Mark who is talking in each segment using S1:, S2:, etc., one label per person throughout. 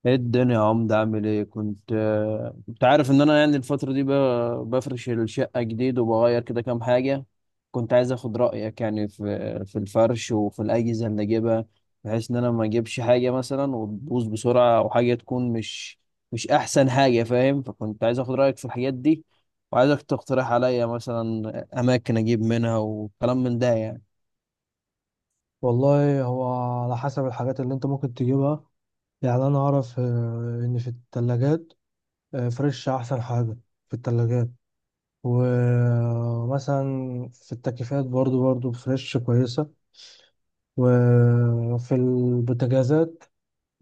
S1: ايه الدنيا يا عمد، عامل ايه؟ كنت كنت عارف ان انا يعني الفترة دي بفرش الشقة جديد وبغير كده كام حاجة. كنت عايز اخد رأيك يعني في في الفرش وفي الأجهزة اللي اجيبها، بحيث ان انا ما اجيبش حاجة مثلا وتبوظ بسرعة او حاجة تكون مش احسن حاجة، فاهم؟ فكنت عايز اخد رأيك في الحاجات دي، وعايزك تقترح عليا مثلا اماكن اجيب منها وكلام من ده يعني.
S2: والله هو على حسب الحاجات اللي انت ممكن تجيبها. يعني انا اعرف ان في الثلاجات فريش احسن حاجة في الثلاجات. ومثلا في التكييفات برضو فريش كويسة. وفي البوتاجازات،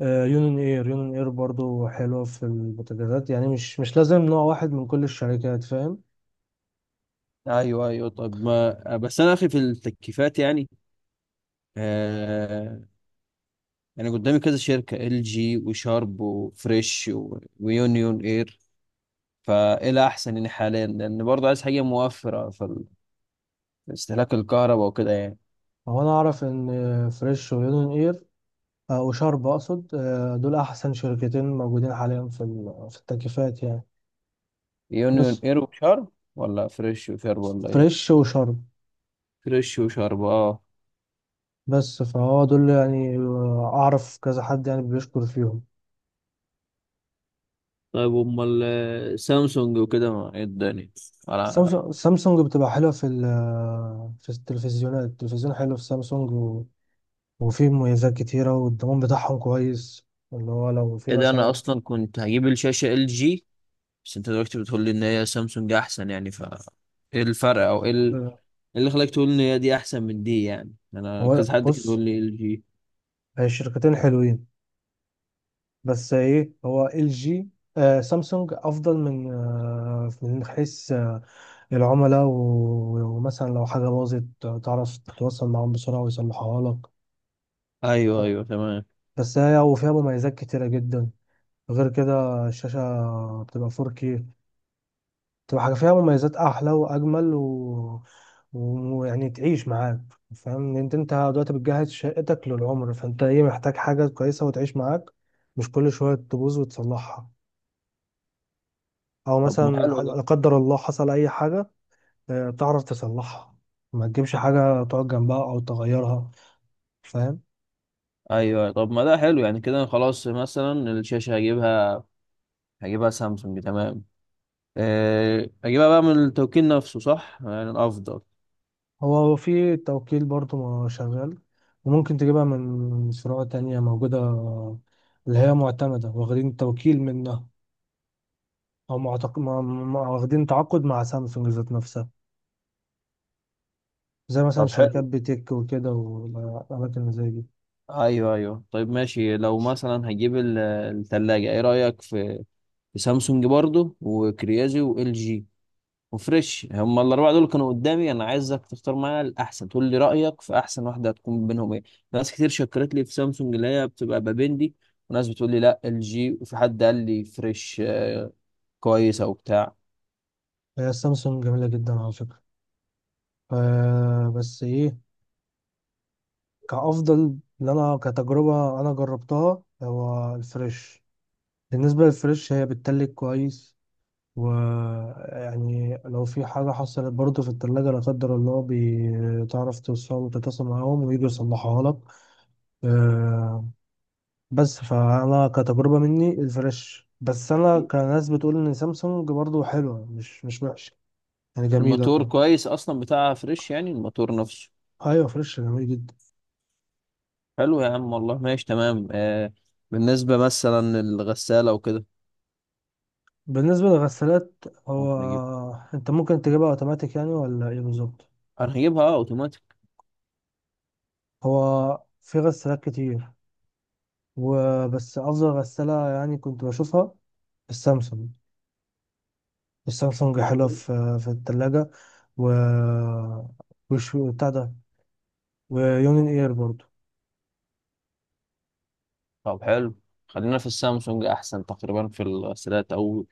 S2: يونين اير برضو حلوة في البوتاجازات. يعني مش لازم نوع واحد من كل الشركات، فاهم.
S1: ايوه، ايوه، طب ما بس انا اخي في التكييفات يعني، يعني قدامي كذا شركة، ال جي وشارب وفريش ويونيون اير، فايه الاحسن يعني حاليا؟ لان برضه عايز حاجة موفرة في في استهلاك الكهرباء وكده يعني.
S2: هو انا اعرف ان فريش ويونين اير، وشارب اقصد، دول احسن شركتين موجودين حاليا في في التكييفات يعني.
S1: يونيون
S2: بس
S1: اير وشارب ولا فريش وشارب ولا ايه؟
S2: فريش وشرم.
S1: فريش وشارب، اه.
S2: بس فهو دول يعني، اعرف كذا حد يعني بيشكر فيهم.
S1: طيب امال سامسونج وكده ما ايه الدنيا؟ انا،
S2: سامسونج بتبقى حلوه في في التلفزيونات. التلفزيون حلو في سامسونج وفيه مميزات كتيره والضمان بتاعهم كويس، اللي هو لو في
S1: ايه ده؟ انا
S2: مثلا.
S1: اصلا كنت هجيب الشاشة ال جي، بس انت دلوقتي بتقول لي ان هي سامسونج احسن، يعني ف ايه الفرق؟ او ايه إيه اللي خلاك تقول ان هي دي احسن من دي؟ يعني انا
S2: هو
S1: كذا حد كان بيقول
S2: بص،
S1: لي ال جي.
S2: هي الشركتين حلوين. بس ايه، هو ال جي، آه سامسونج افضل من من حيث العملاء ومثلا لو حاجه باظت تعرف تتواصل معاهم بسرعه ويصلحوها لك.
S1: ايوه ايوه تمام.
S2: بس هي يعني وفيها مميزات كتيرة جدا. غير كده الشاشة بتبقى 4K، بتبقى حاجة فيها مميزات أحلى وأجمل ويعني تعيش معاك. فاهم إن انت دلوقتي بتجهز شقتك للعمر، فانت ايه محتاج حاجة كويسة وتعيش معاك، مش كل شوية تبوظ وتصلحها. او
S1: طب ما
S2: مثلا
S1: حلو
S2: لا
S1: ده.
S2: قدر الله حصل اي حاجة، تعرف تصلحها، ما تجيبش حاجة تقعد جنبها او تغيرها، فاهم.
S1: ايوه، طب ما ده حلو يعني، كده خلاص مثلا الشاشه هجيبها، هجيبها سامسونج، تمام. أه اجيبها بقى من التوكيل نفسه، صح؟ يعني الافضل.
S2: هو في توكيل برضه ما شغال، وممكن تجيبها من فروع تانية موجودة اللي هي معتمدة واخدين توكيل منها، أو معتق... ما... ما... واخدين تعاقد مع سامسونج ذات نفسها، زي مثلا
S1: طب
S2: شركات
S1: حلو.
S2: بيتك وكده، والأماكن زي دي.
S1: ايوه ايوه، طيب ماشي. لو مثلا هجيب التلاجة، ايه رايك في في سامسونج برضو وكريازي وال جي وفريش؟ هم الاربعه دول كانوا قدامي، انا عايزك تختار معايا الاحسن، تقول لي رايك في احسن واحده هتكون بينهم ايه. ناس كتير شكرت لي في سامسونج اللي هي بتبقى بابندي، وناس بتقول لي لا ال جي، وفي حد قال لي فريش كويسه وبتاع.
S2: هي سامسونج جميلة جدا على فكرة. ف... بس إيه، كأفضل اللي أنا كتجربة أنا جربتها هو الفريش. بالنسبة للفريش هي بتتلج كويس، ويعني لو في حاجة حصلت برضه في التلاجة لا قدر الله، بتعرف توصل تتصل معاهم ويجوا يصلحوها لك. آه، بس فأنا كتجربة مني الفلاش، بس أنا كناس بتقول إن سامسونج برضه حلوة، مش وحشة يعني، جميلة
S1: الموتور
S2: أه.
S1: كويس اصلا بتاع فريش، يعني الموتور نفسه.
S2: أيوة، فريش جميل جدا.
S1: حلو يا عم والله، ماشي تمام. آه، بالنسبه مثلا الغساله وكده،
S2: بالنسبة للغسالات، هو
S1: ممكن اجيب؟
S2: أنت ممكن تجيبها أوتوماتيك يعني ولا إيه بالظبط؟
S1: انا هجيبها اوتوماتيك.
S2: هو في غسالات كتير، وبس أفضل غسالة يعني كنت بشوفها السامسونج. السامسونج حلوة
S1: برضه.
S2: في التلاجة، و وش بتاع ده، ويونين اير برضو.
S1: طب حلو، خلينا في السامسونج احسن تقريبا في الغسالات. او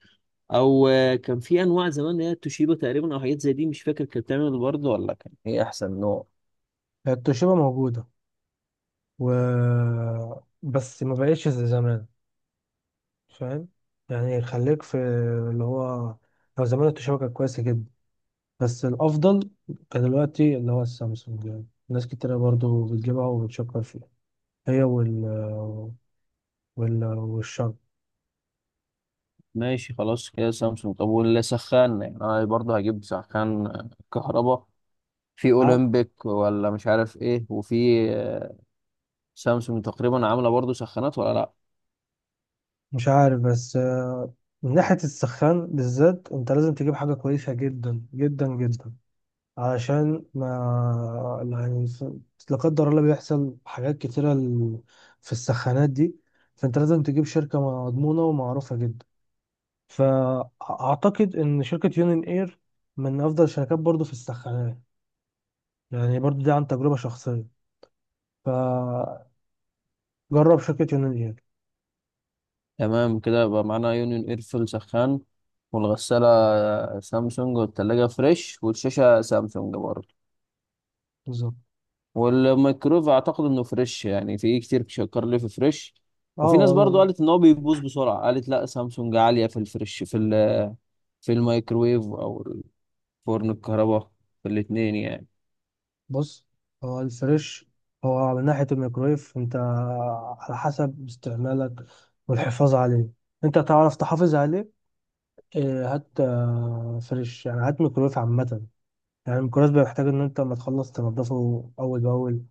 S1: او كان في انواع زمان اللي هي توشيبا تقريبا او حاجات زي دي، مش فاكر كانت بتعمل برضه ولا كان ايه احسن نوع.
S2: التوشيبا موجودة، و بس ما بقتش زي زمان، فاهم. يعني خليك في اللي هو، لو زمان التوشيبا كانت كويسة جدا، بس الأفضل كان دلوقتي اللي هو السامسونج، يعني ناس كتيرة برضو بتجيبها وبتشكر فيها، هي وال والشرق.
S1: ماشي خلاص كده سامسونج. طب واللي سخان، يعني انا برضه هجيب سخان كهربا. في اولمبيك ولا مش عارف ايه، وفي آه، سامسونج تقريبا عامله برضه سخانات ولا لا؟
S2: مش عارف، بس من ناحية السخان بالذات انت لازم تجيب حاجة كويسة جدا جدا جدا، علشان ما يعني لا قدر الله بيحصل حاجات كتيرة في السخانات دي. فانت لازم تجيب شركة مضمونة ومعروفة جدا. فأعتقد إن شركة يونين اير من أفضل الشركات برضو في السخانات، يعني برضو دي عن تجربة شخصية. فجرب شركة يونين اير.
S1: تمام كده يبقى معانا يونيون ايرفل سخان، والغساله سامسونج، والتلاجة فريش، والشاشه سامسونج برضه.
S2: بالظبط.
S1: والميكرويف اعتقد انه فريش، يعني في كتير شكر لي في فريش. وفي ناس برضو
S2: اه
S1: قالت ان هو بيبوظ بسرعه، قالت لا سامسونج عاليه في الفريش في في الميكرويف او الفرن الكهرباء، في الاتنين يعني.
S2: بص، هو الفريش، هو على ناحية الميكرويف انت على حسب استعمالك والحفاظ عليه. انت تعرف تحافظ عليه، اه، هات فريش. يعني هات ميكرويف عامة. يعني الميكرويف بيحتاج ان انت لما تخلص تنضفه اول باول.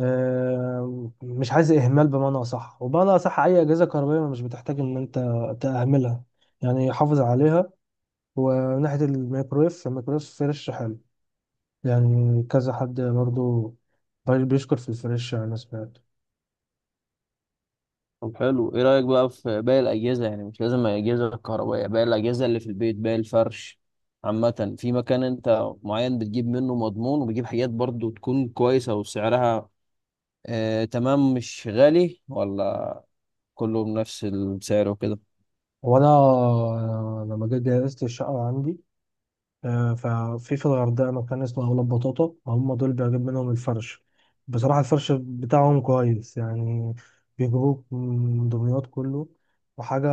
S2: اه، مش عايز اهمال، بمعنى صح. وبمعنى صح، اي اجهزة كهربائية مش بتحتاج ان انت تأهملها، يعني حافظ عليها. وناحية الميكرويف، الميكرويف فريش حلو، يعني كذا حد برضه بيشكر في الفريش يعني، أنا سمعت.
S1: طب حلو، ايه رايك بقى في باقي الاجهزه؟ يعني مش لازم الاجهزه الكهربائيه، باقي الاجهزه اللي في البيت، باقي الفرش عامه. في مكان انت معين بتجيب منه مضمون، وبتجيب حاجات برضو تكون كويسه وسعرها آه تمام مش غالي، ولا كله بنفس السعر وكده؟
S2: وأنا لما جيت جهزت الشقة عندي، ففي في الغردقة مكان اسمه أولاد بطاطا، هم دول بجيب منهم الفرش. بصراحة الفرش بتاعهم كويس يعني، بيجيبوك من دمياط كله. وحاجة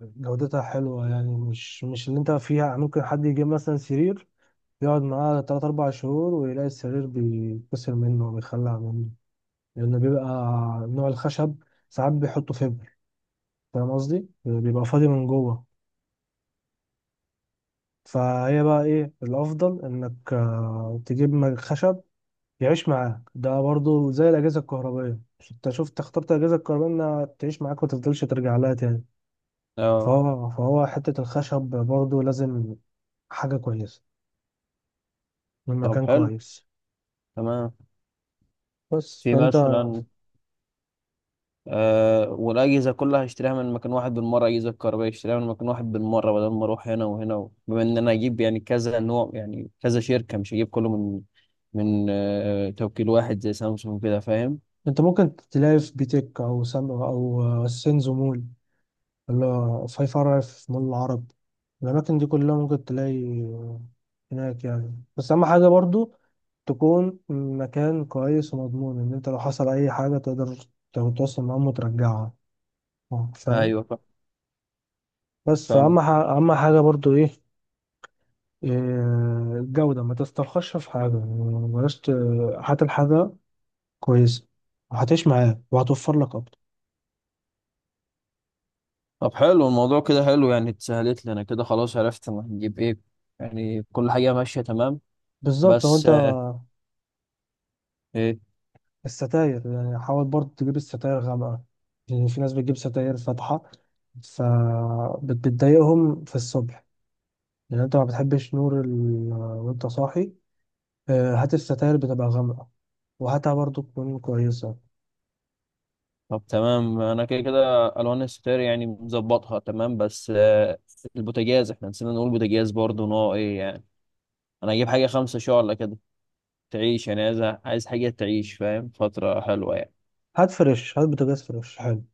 S2: جودتها حلوة يعني، مش اللي انت فيها ممكن حد يجيب مثلا سرير، يقعد معاه تلات أربع شهور ويلاقي السرير بيتكسر منه وبيخلع منه، لأنه بيبقى نوع الخشب ساعات بيحطوا فيبر، فاهم قصدي؟ بيبقى فاضي من جوه. فهي بقى إيه الأفضل، إنك تجيب خشب يعيش معاك. ده برضو زي الأجهزة الكهربائية، أنت شفت اخترت الأجهزة الكهربائية إنها تعيش معاك ومتفضلش ترجع لها تاني.
S1: اه.
S2: فهو حتة الخشب برضو لازم حاجة كويسة من
S1: طب
S2: مكان
S1: حلو،
S2: كويس.
S1: تمام.
S2: بس
S1: في
S2: فأنت،
S1: مثلا آه، والأجهزة كلها هشتريها من مكان واحد بالمرة، أجهزة كهربائية هشتريها من مكان واحد بالمرة، بدل ما أروح هنا وهنا بما إن أنا أجيب يعني كذا نوع، يعني كذا شركة، مش هجيب كله من توكيل واحد زي سامسونج كده، فاهم؟
S2: أنت ممكن تلاقي في بيتك أو سام أو سينزو مول، ولا في فرع في مول العرب. الأماكن دي كلها ممكن تلاقي هناك يعني، بس أهم حاجة برضو تكون مكان كويس ومضمون، إن أنت لو حصل أي حاجة تقدر تتواصل معاهم وترجعها، فاهم.
S1: أيوه،
S2: بس
S1: فاهم.
S2: فأهم أهم حاجة برضو إيه، إيه، الجودة. ما تسترخصش في حاجة يعني، بلاش هات الحاجة كويسة وهتعيش معاك وهتوفر لك أكتر.
S1: طب حلو الموضوع كده، حلو يعني، اتسهلت لنا كده خلاص، عرفت أنا هنجيب إيه. يعني كل حاجة ماشية تمام.
S2: بالظبط. لو
S1: بس
S2: أنت
S1: إيه؟
S2: الستاير يعني حاول برضه تجيب الستاير غامقة، لأن في ناس بتجيب ستاير فاتحة فبتضايقهم في الصبح، لأن أنت ما بتحبش نور وأنت صاحي. هات الستاير بتبقى غامقة، وهاتها برضه تكون كويسة.
S1: طب تمام، انا كده كده الوان الستاير يعني مظبطها تمام. بس البوتاجاز احنا نسينا نقول، بوتاجاز برضه نوع ايه يعني؟ انا هجيب حاجه 5 شعلة كده، تعيش يعني. عايز، عايز حاجه تعيش، فاهم؟ فتره حلوه يعني.
S2: هات فريش، هات بوتاجاز فريش حلو،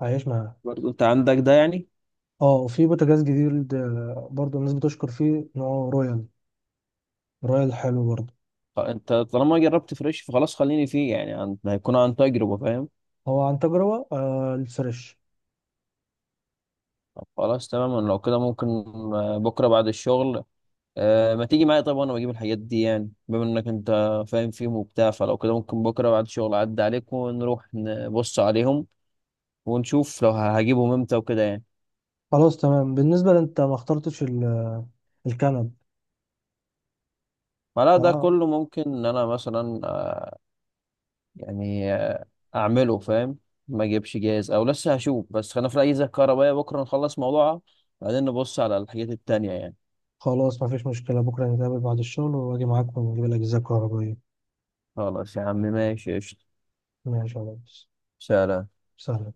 S2: هيعيش معاها.
S1: برضه انت عندك ده يعني؟
S2: اه، وفي بوتاجاز جديد برضه الناس بتشكر فيه، نوعه رويال. رويال حلو برضه.
S1: انت طالما جربت فريش فخلاص خليني فيه، يعني هيكون عن تجربه، فاهم؟
S2: هو عن تجربة الفريش.
S1: طب خلاص تمام. أنا لو كده ممكن بكره بعد الشغل، أه، ما تيجي معايا طيب وانا بجيب الحاجات دي؟ يعني بما انك انت فاهم فيهم وبتاع، فلو كده ممكن بكره بعد الشغل اعدي عليك ونروح نبص عليهم، ونشوف لو هجيبهم امتى وكده يعني.
S2: خلاص تمام. بالنسبة لأنت ما اخترتش الكنب.
S1: فلا
S2: فا
S1: ده كله ممكن ان انا مثلا يعني اعمله، فاهم؟ ما اجيبش جاهز، او لسه هشوف، بس خلينا في الاجهزه الكهربائيه بكره نخلص موضوعها، بعدين نبص على الحاجات التانية يعني.
S2: خلاص، مفيش مشكلة. بكرة نتقابل بعد الشغل وأجي معاك ونجيب الأجهزة الكهربائية.
S1: خلاص يا عم، ماشي، قشطة.
S2: ماشي يا ريس.
S1: سلام.
S2: سلام.